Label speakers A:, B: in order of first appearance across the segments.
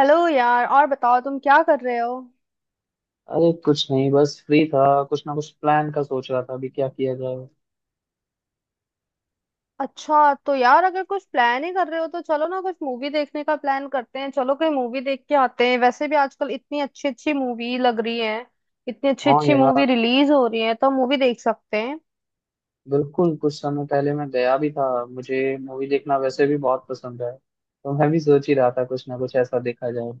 A: Hello यार, और बताओ तुम क्या कर रहे हो।
B: अरे कुछ नहीं, बस फ्री था। कुछ ना कुछ प्लान का सोच रहा था अभी क्या किया जाए।
A: अच्छा तो यार, अगर कुछ प्लान ही कर रहे हो तो चलो ना, कुछ मूवी देखने का प्लान करते हैं। चलो, कोई मूवी देख के आते हैं, वैसे भी आजकल इतनी अच्छी अच्छी मूवी लग रही है। इतनी अच्छी
B: हाँ
A: अच्छी मूवी
B: यार,
A: रिलीज हो रही है, तो मूवी देख सकते हैं।
B: बिल्कुल। कुछ समय पहले मैं गया भी था। मुझे मूवी देखना वैसे भी बहुत पसंद है, तो मैं भी सोच ही रहा था कुछ ना कुछ ऐसा देखा जाए।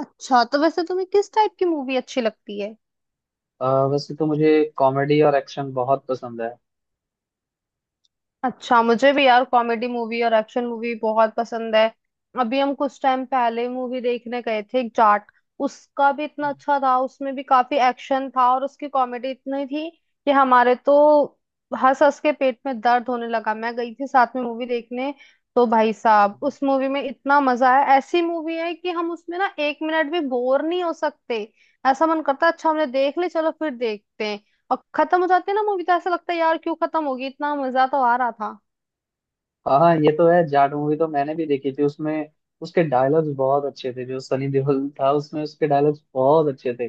A: अच्छा, तो वैसे तुम्हें किस टाइप की मूवी अच्छी लगती है?
B: वैसे तो मुझे कॉमेडी और एक्शन बहुत पसंद है।
A: अच्छा, मुझे भी यार कॉमेडी मूवी और एक्शन मूवी बहुत पसंद है। अभी हम कुछ टाइम पहले मूवी देखने गए थे, एक जाट। उसका भी इतना अच्छा था, उसमें भी काफी एक्शन था और उसकी कॉमेडी इतनी थी कि हमारे तो हंस हंस के पेट में दर्द होने लगा। मैं गई थी साथ में मूवी देखने, तो भाई साहब उस मूवी में इतना मजा आया, ऐसी मूवी है कि हम उसमें ना एक मिनट भी बोर नहीं हो सकते। ऐसा मन करता है अच्छा हमने देख ली, चलो फिर देखते हैं। और खत्म हो जाती है ना मूवी, तो ऐसा लगता है यार क्यों खत्म होगी, इतना मजा तो आ रहा था।
B: हाँ हाँ, ये तो है। जाट मूवी तो मैंने भी देखी थी। उसमें उसके डायलॉग्स बहुत अच्छे थे। जो सनी देओल था उसमें, उसके डायलॉग्स बहुत अच्छे थे।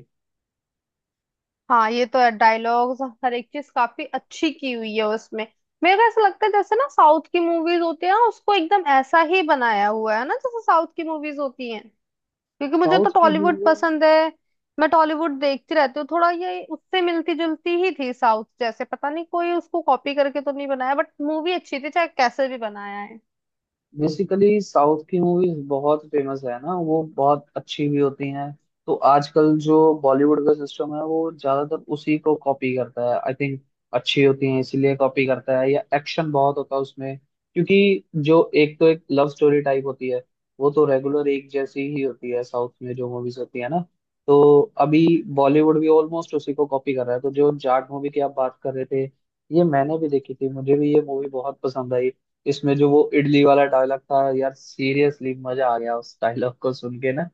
A: हाँ, ये तो है, डायलॉग्स हर एक चीज काफी अच्छी की हुई है उसमें। मेरे को ऐसा लगता है जैसे ना, साउथ की मूवीज होती है ना, उसको एकदम ऐसा ही बनाया हुआ है ना, जैसे साउथ की मूवीज होती हैं। क्योंकि मुझे तो
B: साउथ की
A: टॉलीवुड
B: मूवी।
A: पसंद है, मैं टॉलीवुड देखती रहती हूँ। थोड़ा ये उससे मिलती जुलती ही थी, साउथ जैसे। पता नहीं कोई उसको कॉपी करके तो नहीं बनाया, बट मूवी अच्छी थी, चाहे कैसे भी बनाया है।
B: बेसिकली साउथ की मूवीज बहुत फेमस है ना, वो बहुत अच्छी भी होती हैं। तो आजकल जो बॉलीवुड का सिस्टम है वो ज्यादातर उसी को कॉपी करता है, आई थिंक। अच्छी होती हैं इसीलिए कॉपी करता है, या एक्शन बहुत होता है उसमें। क्योंकि जो एक तो एक लव स्टोरी टाइप होती है, वो तो रेगुलर एक जैसी ही होती है साउथ में जो मूवीज होती है ना। तो अभी बॉलीवुड भी ऑलमोस्ट उसी को कॉपी कर रहा है। तो जो जाट मूवी की आप बात कर रहे थे, ये मैंने भी देखी थी। मुझे भी ये मूवी बहुत पसंद आई। इसमें जो वो इडली वाला डायलॉग था यार, सीरियसली मजा आ गया उस डायलॉग को सुन के ना।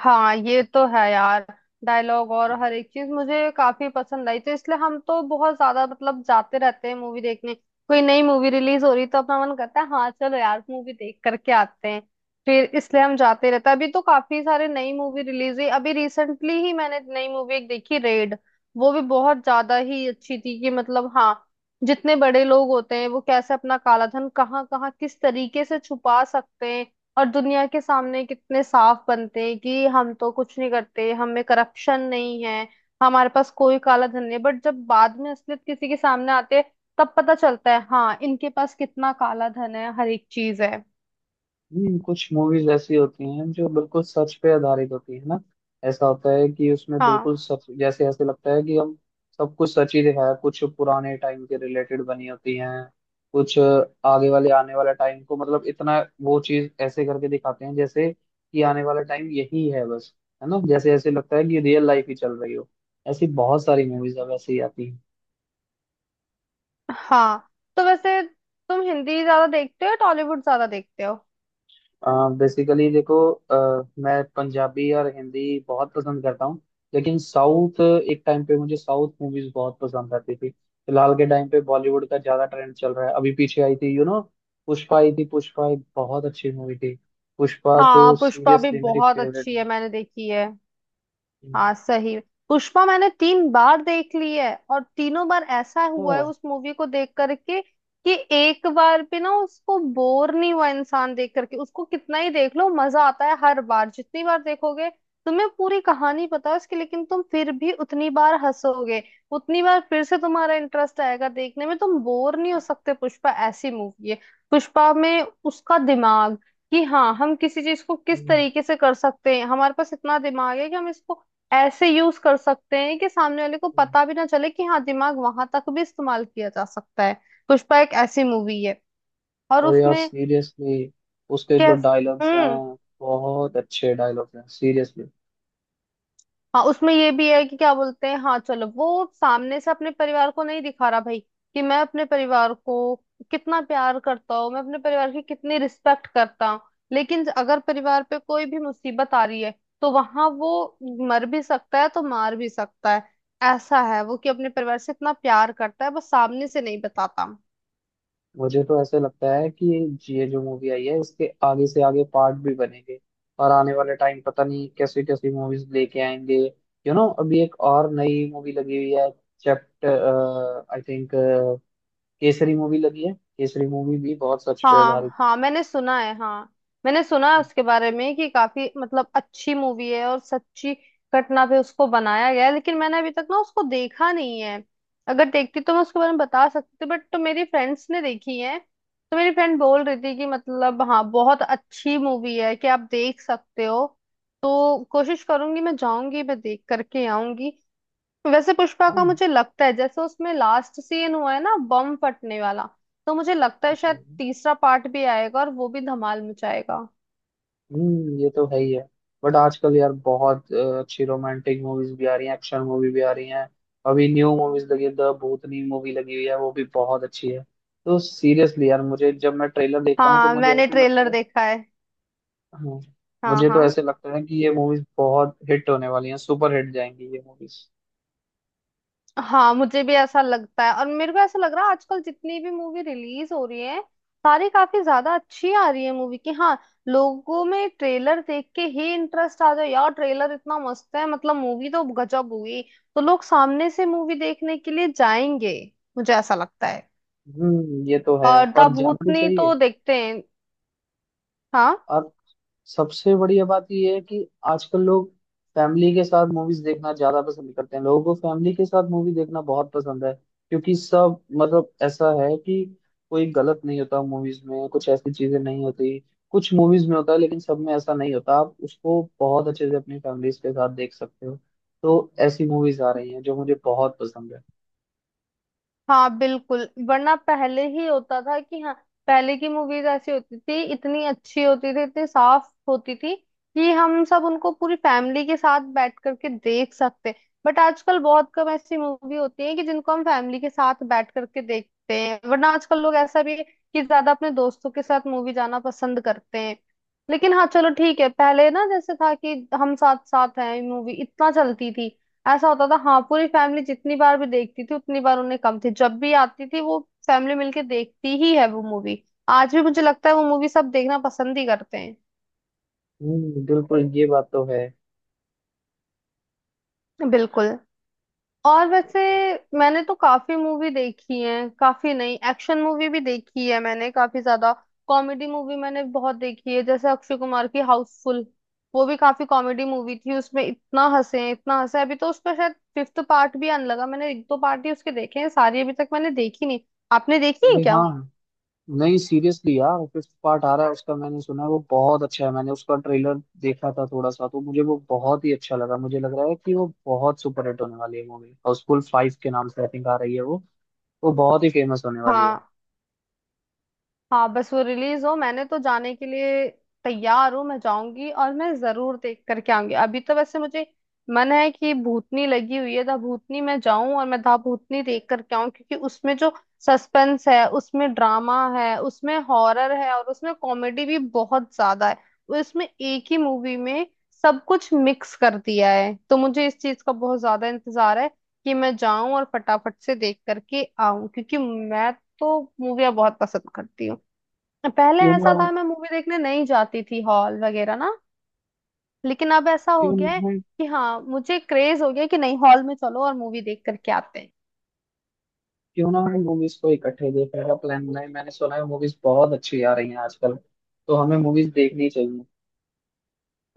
A: हाँ, ये तो है यार, डायलॉग और हर एक चीज मुझे काफी पसंद आई, तो इसलिए हम तो बहुत ज्यादा मतलब जाते रहते हैं मूवी देखने। कोई नई मूवी रिलीज हो रही तो अपना मन करता है हाँ चलो यार मूवी देख करके आते हैं, फिर इसलिए हम जाते रहते हैं। अभी तो काफी सारे नई मूवी रिलीज हुई, अभी रिसेंटली ही मैंने नई मूवी एक देखी, रेड। वो भी बहुत ज्यादा ही अच्छी थी कि, मतलब हाँ, जितने बड़े लोग होते हैं वो कैसे अपना काला धन कहाँ कहाँ किस तरीके से छुपा सकते हैं। और दुनिया के सामने कितने साफ बनते हैं कि हम तो कुछ नहीं करते, हमें करप्शन नहीं है, हमारे पास कोई काला धन नहीं। बट जब बाद में असलियत किसी के सामने आते हैं, तब पता चलता है हाँ, इनके पास कितना काला धन है, हर एक चीज है।
B: कुछ मूवीज ऐसी होती हैं जो बिल्कुल सच पे आधारित होती है ना। ऐसा होता है कि उसमें बिल्कुल
A: हाँ
B: सच जैसे, ऐसे लगता है कि हम सब कुछ सच ही दिखाया। कुछ पुराने टाइम के रिलेटेड बनी होती हैं, कुछ आगे वाले आने वाला टाइम को, मतलब इतना वो चीज ऐसे करके दिखाते हैं जैसे कि आने वाला टाइम यही है बस। है ना, जैसे ऐसे लगता है कि रियल लाइफ ही चल रही हो। ऐसी बहुत सारी मूवीज अब ऐसे ही आती हैं।
A: हाँ। तो वैसे तुम हिंदी ज्यादा देखते हो या टॉलीवुड ज्यादा देखते हो?
B: बेसिकली देखो, मैं पंजाबी और हिंदी बहुत पसंद करता हूँ। लेकिन साउथ, एक टाइम पे मुझे साउथ मूवीज बहुत पसंद आती थी। फिलहाल के टाइम पे बॉलीवुड का ज्यादा ट्रेंड चल रहा है। अभी पीछे आई थी यू नो, पुष्पा आई थी। पुष्पा एक बहुत अच्छी मूवी थी। पुष्पा
A: हाँ,
B: तो
A: पुष्पा भी
B: सीरियसली मेरी
A: बहुत
B: फेवरेट
A: अच्छी है, मैंने देखी है।
B: मूवी।
A: हाँ सही। पुष्पा मैंने तीन बार देख ली है, और तीनों बार ऐसा हुआ है
B: अच्छा।
A: उस मूवी को देख करके, कि एक बार भी ना उसको बोर नहीं हुआ इंसान देख करके। उसको कितना ही देख लो मजा आता है, हर बार जितनी बार देखोगे तुम्हें पूरी कहानी पता है उसकी, लेकिन तुम फिर भी उतनी बार हंसोगे, उतनी बार फिर से तुम्हारा इंटरेस्ट आएगा देखने में, तुम बोर नहीं हो सकते। पुष्पा ऐसी मूवी है। पुष्पा में उसका दिमाग, कि हाँ हम किसी चीज को किस
B: हम्म।
A: तरीके से कर सकते हैं, हमारे पास इतना दिमाग है कि हम इसको ऐसे यूज कर सकते हैं कि सामने वाले को
B: हम्म।
A: पता भी ना चले कि हाँ, दिमाग वहां तक भी इस्तेमाल किया जा सकता है। पुष्पा एक ऐसी मूवी है। और
B: और यार
A: उसमें
B: सीरियसली, उसके जो
A: कैस
B: डायलॉग्स हैं,
A: हम्म
B: बहुत अच्छे डायलॉग्स हैं सीरियसली।
A: हाँ, उसमें ये भी है कि क्या बोलते हैं, हाँ चलो, वो सामने से अपने परिवार को नहीं दिखा रहा भाई कि मैं अपने परिवार को कितना प्यार करता हूँ, मैं अपने परिवार की कितनी रिस्पेक्ट करता हूँ, लेकिन अगर परिवार पे कोई भी मुसीबत आ रही है तो वहां वो मर भी सकता है तो मार भी सकता है। ऐसा है वो कि अपने परिवार से इतना प्यार करता है, बस सामने से नहीं बताता।
B: मुझे तो ऐसे लगता है कि ये जो मूवी आई है इसके आगे से आगे पार्ट भी बनेंगे, और आने वाले टाइम पता नहीं कैसी कैसी मूवीज लेके आएंगे। यू नो, अभी एक और नई मूवी लगी हुई है, chapter I think. Kesari movie लगी है, केसरी मूवी भी बहुत सच पे आधारित
A: हाँ हाँ, मैंने सुना है। हाँ, मैंने सुना है
B: है।
A: उसके बारे में कि काफी मतलब अच्छी मूवी है और सच्ची घटना पे उसको बनाया गया है, लेकिन मैंने अभी तक ना उसको देखा नहीं है। अगर देखती तो मैं उसके बारे में बता सकती थी, बट तो मेरी फ्रेंड्स ने देखी है, तो मेरी फ्रेंड बोल रही थी कि मतलब हाँ बहुत अच्छी मूवी है, कि आप देख सकते हो। तो कोशिश करूंगी, मैं जाऊंगी, मैं देख करके आऊंगी। वैसे पुष्पा का
B: हाँ
A: मुझे लगता है जैसे उसमें लास्ट सीन हुआ है ना, बम फटने वाला, तो मुझे लगता है शायद
B: जी।
A: तीसरा पार्ट भी आएगा और वो भी धमाल मचाएगा।
B: ये तो है ही है। बट आजकल यार बहुत अच्छी रोमांटिक मूवीज भी आ रही हैं, एक्शन मूवी भी आ रही हैं। अभी न्यू मूवीज लगी है, द भूतनी मूवी लगी हुई है, वो भी बहुत अच्छी है। तो सीरियसली यार, मुझे जब मैं ट्रेलर देखता हूँ तो
A: हाँ,
B: मुझे
A: मैंने
B: ऐसे लगता
A: ट्रेलर
B: है,
A: देखा है।
B: हाँ,
A: हाँ
B: मुझे तो
A: हाँ।
B: ऐसे लगता है कि ये मूवीज बहुत हिट होने वाली हैं। सुपर हिट जाएंगी ये मूवीज।
A: हाँ, मुझे भी ऐसा लगता है, और मेरे को ऐसा लग रहा है आजकल जितनी भी मूवी रिलीज हो रही है, सारी काफी ज्यादा अच्छी आ रही है मूवी की, हाँ। लोगों में ट्रेलर देख के ही इंटरेस्ट आ जाए, यार ट्रेलर इतना मस्त है, मतलब मूवी तो गजब हुई, तो लोग सामने से मूवी देखने के लिए जाएंगे, मुझे ऐसा लगता है।
B: ये तो है।
A: और द
B: और जाना भी
A: भूतनी
B: चाहिए।
A: तो देखते हैं। हाँ।
B: और सबसे बढ़िया बात यह है कि आजकल लोग फैमिली के साथ मूवीज देखना ज्यादा पसंद करते हैं। लोगों को फैमिली के साथ मूवी देखना बहुत पसंद है, क्योंकि सब मतलब ऐसा है कि कोई गलत नहीं होता मूवीज में, कुछ ऐसी चीजें नहीं होती। कुछ मूवीज में होता है, लेकिन सब में ऐसा नहीं होता। आप उसको बहुत अच्छे से अपनी फैमिलीज के साथ देख सकते हो। तो ऐसी मूवीज आ रही हैं जो मुझे बहुत पसंद है।
A: हाँ, बिल्कुल, वरना पहले ही होता था कि हाँ, पहले की मूवीज ऐसी होती थी, इतनी अच्छी होती थी, इतनी साफ होती थी कि हम सब उनको पूरी फैमिली के साथ बैठ करके देख सकते। बट आजकल बहुत कम ऐसी मूवी होती है कि जिनको हम फैमिली के साथ बैठ करके देखते हैं, वरना आजकल लोग ऐसा भी है कि ज्यादा अपने दोस्तों के साथ मूवी जाना पसंद करते हैं। लेकिन हाँ, चलो ठीक है, पहले ना जैसे था कि हम साथ साथ हैं मूवी, इतना चलती थी, ऐसा होता था। हाँ, पूरी फैमिली जितनी बार भी देखती थी उतनी बार उन्हें कम थी, जब भी आती थी वो फैमिली मिलके देखती ही है वो मूवी, आज भी मुझे लगता है वो मूवी सब देखना पसंद ही करते हैं।
B: बिल्कुल, ये बात तो है।
A: बिल्कुल। और वैसे, मैंने तो काफी मूवी देखी है, काफी नहीं, एक्शन मूवी भी देखी है मैंने काफी ज्यादा, कॉमेडी मूवी मैंने बहुत देखी है, जैसे अक्षय कुमार की हाउसफुल, वो भी काफी कॉमेडी मूवी थी, उसमें इतना हंसे इतना हंसे। अभी तो उसका शायद फिफ्थ पार्ट भी आने लगा, मैंने एक दो पार्ट ही उसके देखे हैं, सारी अभी तक मैंने देखी नहीं। आपने देखी है
B: अरे
A: क्या?
B: हाँ, नहीं सीरियसली यार, फिफ्थ पार्ट आ रहा है उसका, मैंने सुना है वो बहुत अच्छा है। मैंने उसका ट्रेलर देखा था थोड़ा सा, तो मुझे वो बहुत ही अच्छा लगा। मुझे लग रहा है कि वो बहुत सुपर हिट होने वाली है मूवी। हाउसफुल फाइव के नाम से आई थिंक आ रही है वो। वो बहुत ही फेमस होने वाली है।
A: हाँ। हाँ, बस वो रिलीज हो, मैंने तो जाने के लिए तैयार हूँ, मैं जाऊंगी और मैं जरूर देख करके आऊंगी। अभी तो वैसे मुझे मन है कि भूतनी लगी हुई है दा भूतनी, मैं जाऊं और मैं दा भूतनी देख करके आऊं, क्योंकि उसमें जो सस्पेंस है, उसमें ड्रामा है, उसमें हॉरर है और उसमें कॉमेडी भी बहुत ज्यादा है, उसमें एक ही मूवी में सब कुछ मिक्स कर दिया है। तो मुझे इस चीज का बहुत ज्यादा इंतजार है कि मैं जाऊं और फटाफट से देख करके आऊं, क्योंकि मैं तो मूवियाँ बहुत पसंद करती हूँ। पहले
B: क्यों ना
A: ऐसा
B: हम
A: था मैं मूवी देखने नहीं जाती थी हॉल वगैरह ना, लेकिन अब ऐसा हो
B: क्यों ना
A: गया है
B: हम
A: कि हाँ, मुझे क्रेज हो गया कि नहीं, हॉल में चलो और मूवी देख करके आते हैं।
B: क्यों ना हम मूवीज को इकट्ठे देखने का प्लान बनाए। मैंने सुना है मूवीज बहुत अच्छी आ रही हैं आजकल, तो हमें मूवीज देखनी चाहिए।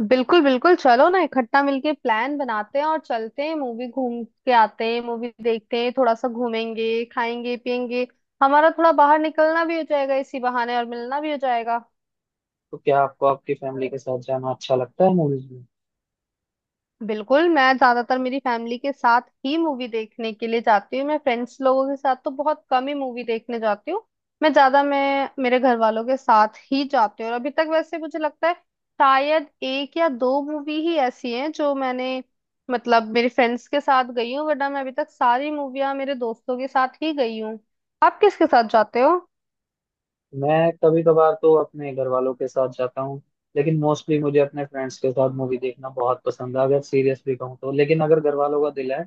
A: बिल्कुल बिल्कुल, चलो ना इकट्ठा मिलके प्लान बनाते हैं और चलते हैं मूवी, घूम के आते हैं, मूवी देखते हैं, थोड़ा सा घूमेंगे खाएंगे पियेंगे, हमारा थोड़ा बाहर निकलना भी हो जाएगा इसी बहाने, और मिलना भी हो जाएगा।
B: तो क्या आपको आपकी फैमिली के साथ जाना अच्छा लगता है मूवीज?
A: बिल्कुल, मैं ज्यादातर मेरी फैमिली के साथ ही मूवी देखने के लिए जाती हूँ, मैं फ्रेंड्स लोगों के साथ तो बहुत कम ही मूवी देखने जाती हूँ। मैं मेरे घर वालों के साथ ही जाती हूँ, और अभी तक वैसे मुझे लगता है शायद एक या दो मूवी ही ऐसी हैं जो मैंने मतलब मेरे फ्रेंड्स के साथ गई हूँ, वरना मैं अभी तक सारी मूवियाँ मेरे दोस्तों के साथ ही गई हूँ। आप किसके साथ जाते हो?
B: मैं कभी कभार तो अपने घर वालों के साथ जाता हूँ, लेकिन मोस्टली मुझे अपने फ्रेंड्स के साथ मूवी देखना बहुत पसंद है, अगर सीरियसली कहूँ तो। लेकिन अगर घर वालों का दिल है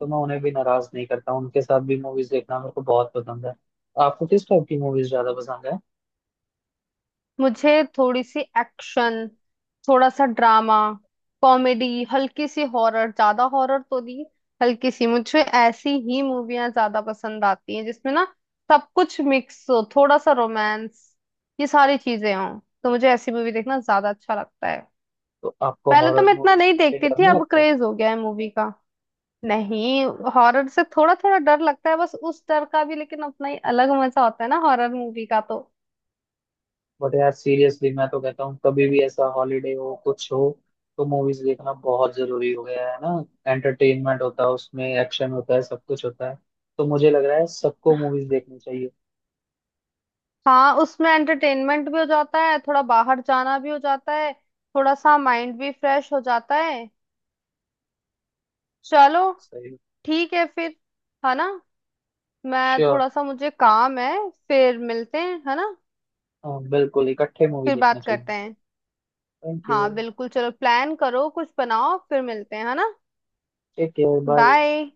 B: तो मैं उन्हें भी नाराज नहीं करता हूँ। उनके साथ भी मूवीज देखना मेरे को बहुत पसंद है। आपको किस टाइप की मूवीज ज्यादा पसंद है?
A: मुझे थोड़ी सी एक्शन, थोड़ा सा ड्रामा, कॉमेडी, हल्की सी हॉरर, ज्यादा हॉरर तो नहीं, हल्की सी, मुझे ऐसी ही मूवियां ज्यादा पसंद आती हैं जिसमें ना सब कुछ मिक्स हो, थोड़ा सा रोमांस, ये सारी चीजें हों, तो मुझे ऐसी मूवी देखना ज्यादा अच्छा लगता है।
B: तो आपको
A: पहले तो
B: हॉरर
A: मैं इतना
B: मूवीज
A: नहीं
B: देख के
A: देखती
B: डर
A: थी,
B: नहीं
A: अब
B: लगता?
A: क्रेज हो गया है मूवी का। नहीं, हॉरर से थोड़ा थोड़ा डर लगता है, बस उस डर का भी लेकिन अपना ही अलग मजा होता है ना हॉरर मूवी का तो।
B: बट यार सीरियसली, मैं तो कहता हूँ कभी भी ऐसा हॉलीडे हो, कुछ हो, तो मूवीज देखना बहुत जरूरी हो गया है ना। एंटरटेनमेंट होता है, उसमें एक्शन होता है, सब कुछ होता है। तो मुझे लग रहा है सबको मूवीज देखनी चाहिए।
A: हाँ, उसमें एंटरटेनमेंट भी हो जाता है, थोड़ा बाहर जाना भी हो जाता है, थोड़ा सा माइंड भी फ्रेश हो जाता है। चलो
B: सही।
A: ठीक है फिर, है ना। मैं,
B: श्योर।
A: थोड़ा सा मुझे काम है, फिर मिलते हैं, है ना।
B: बिल्कुल, इकट्ठे मूवी
A: फिर
B: देखने
A: बात करते
B: चलेंगे।
A: हैं।
B: Thank you.
A: हाँ बिल्कुल, चलो प्लान करो कुछ बनाओ, फिर मिलते हैं, है ना।
B: Take care, bye.
A: बाय।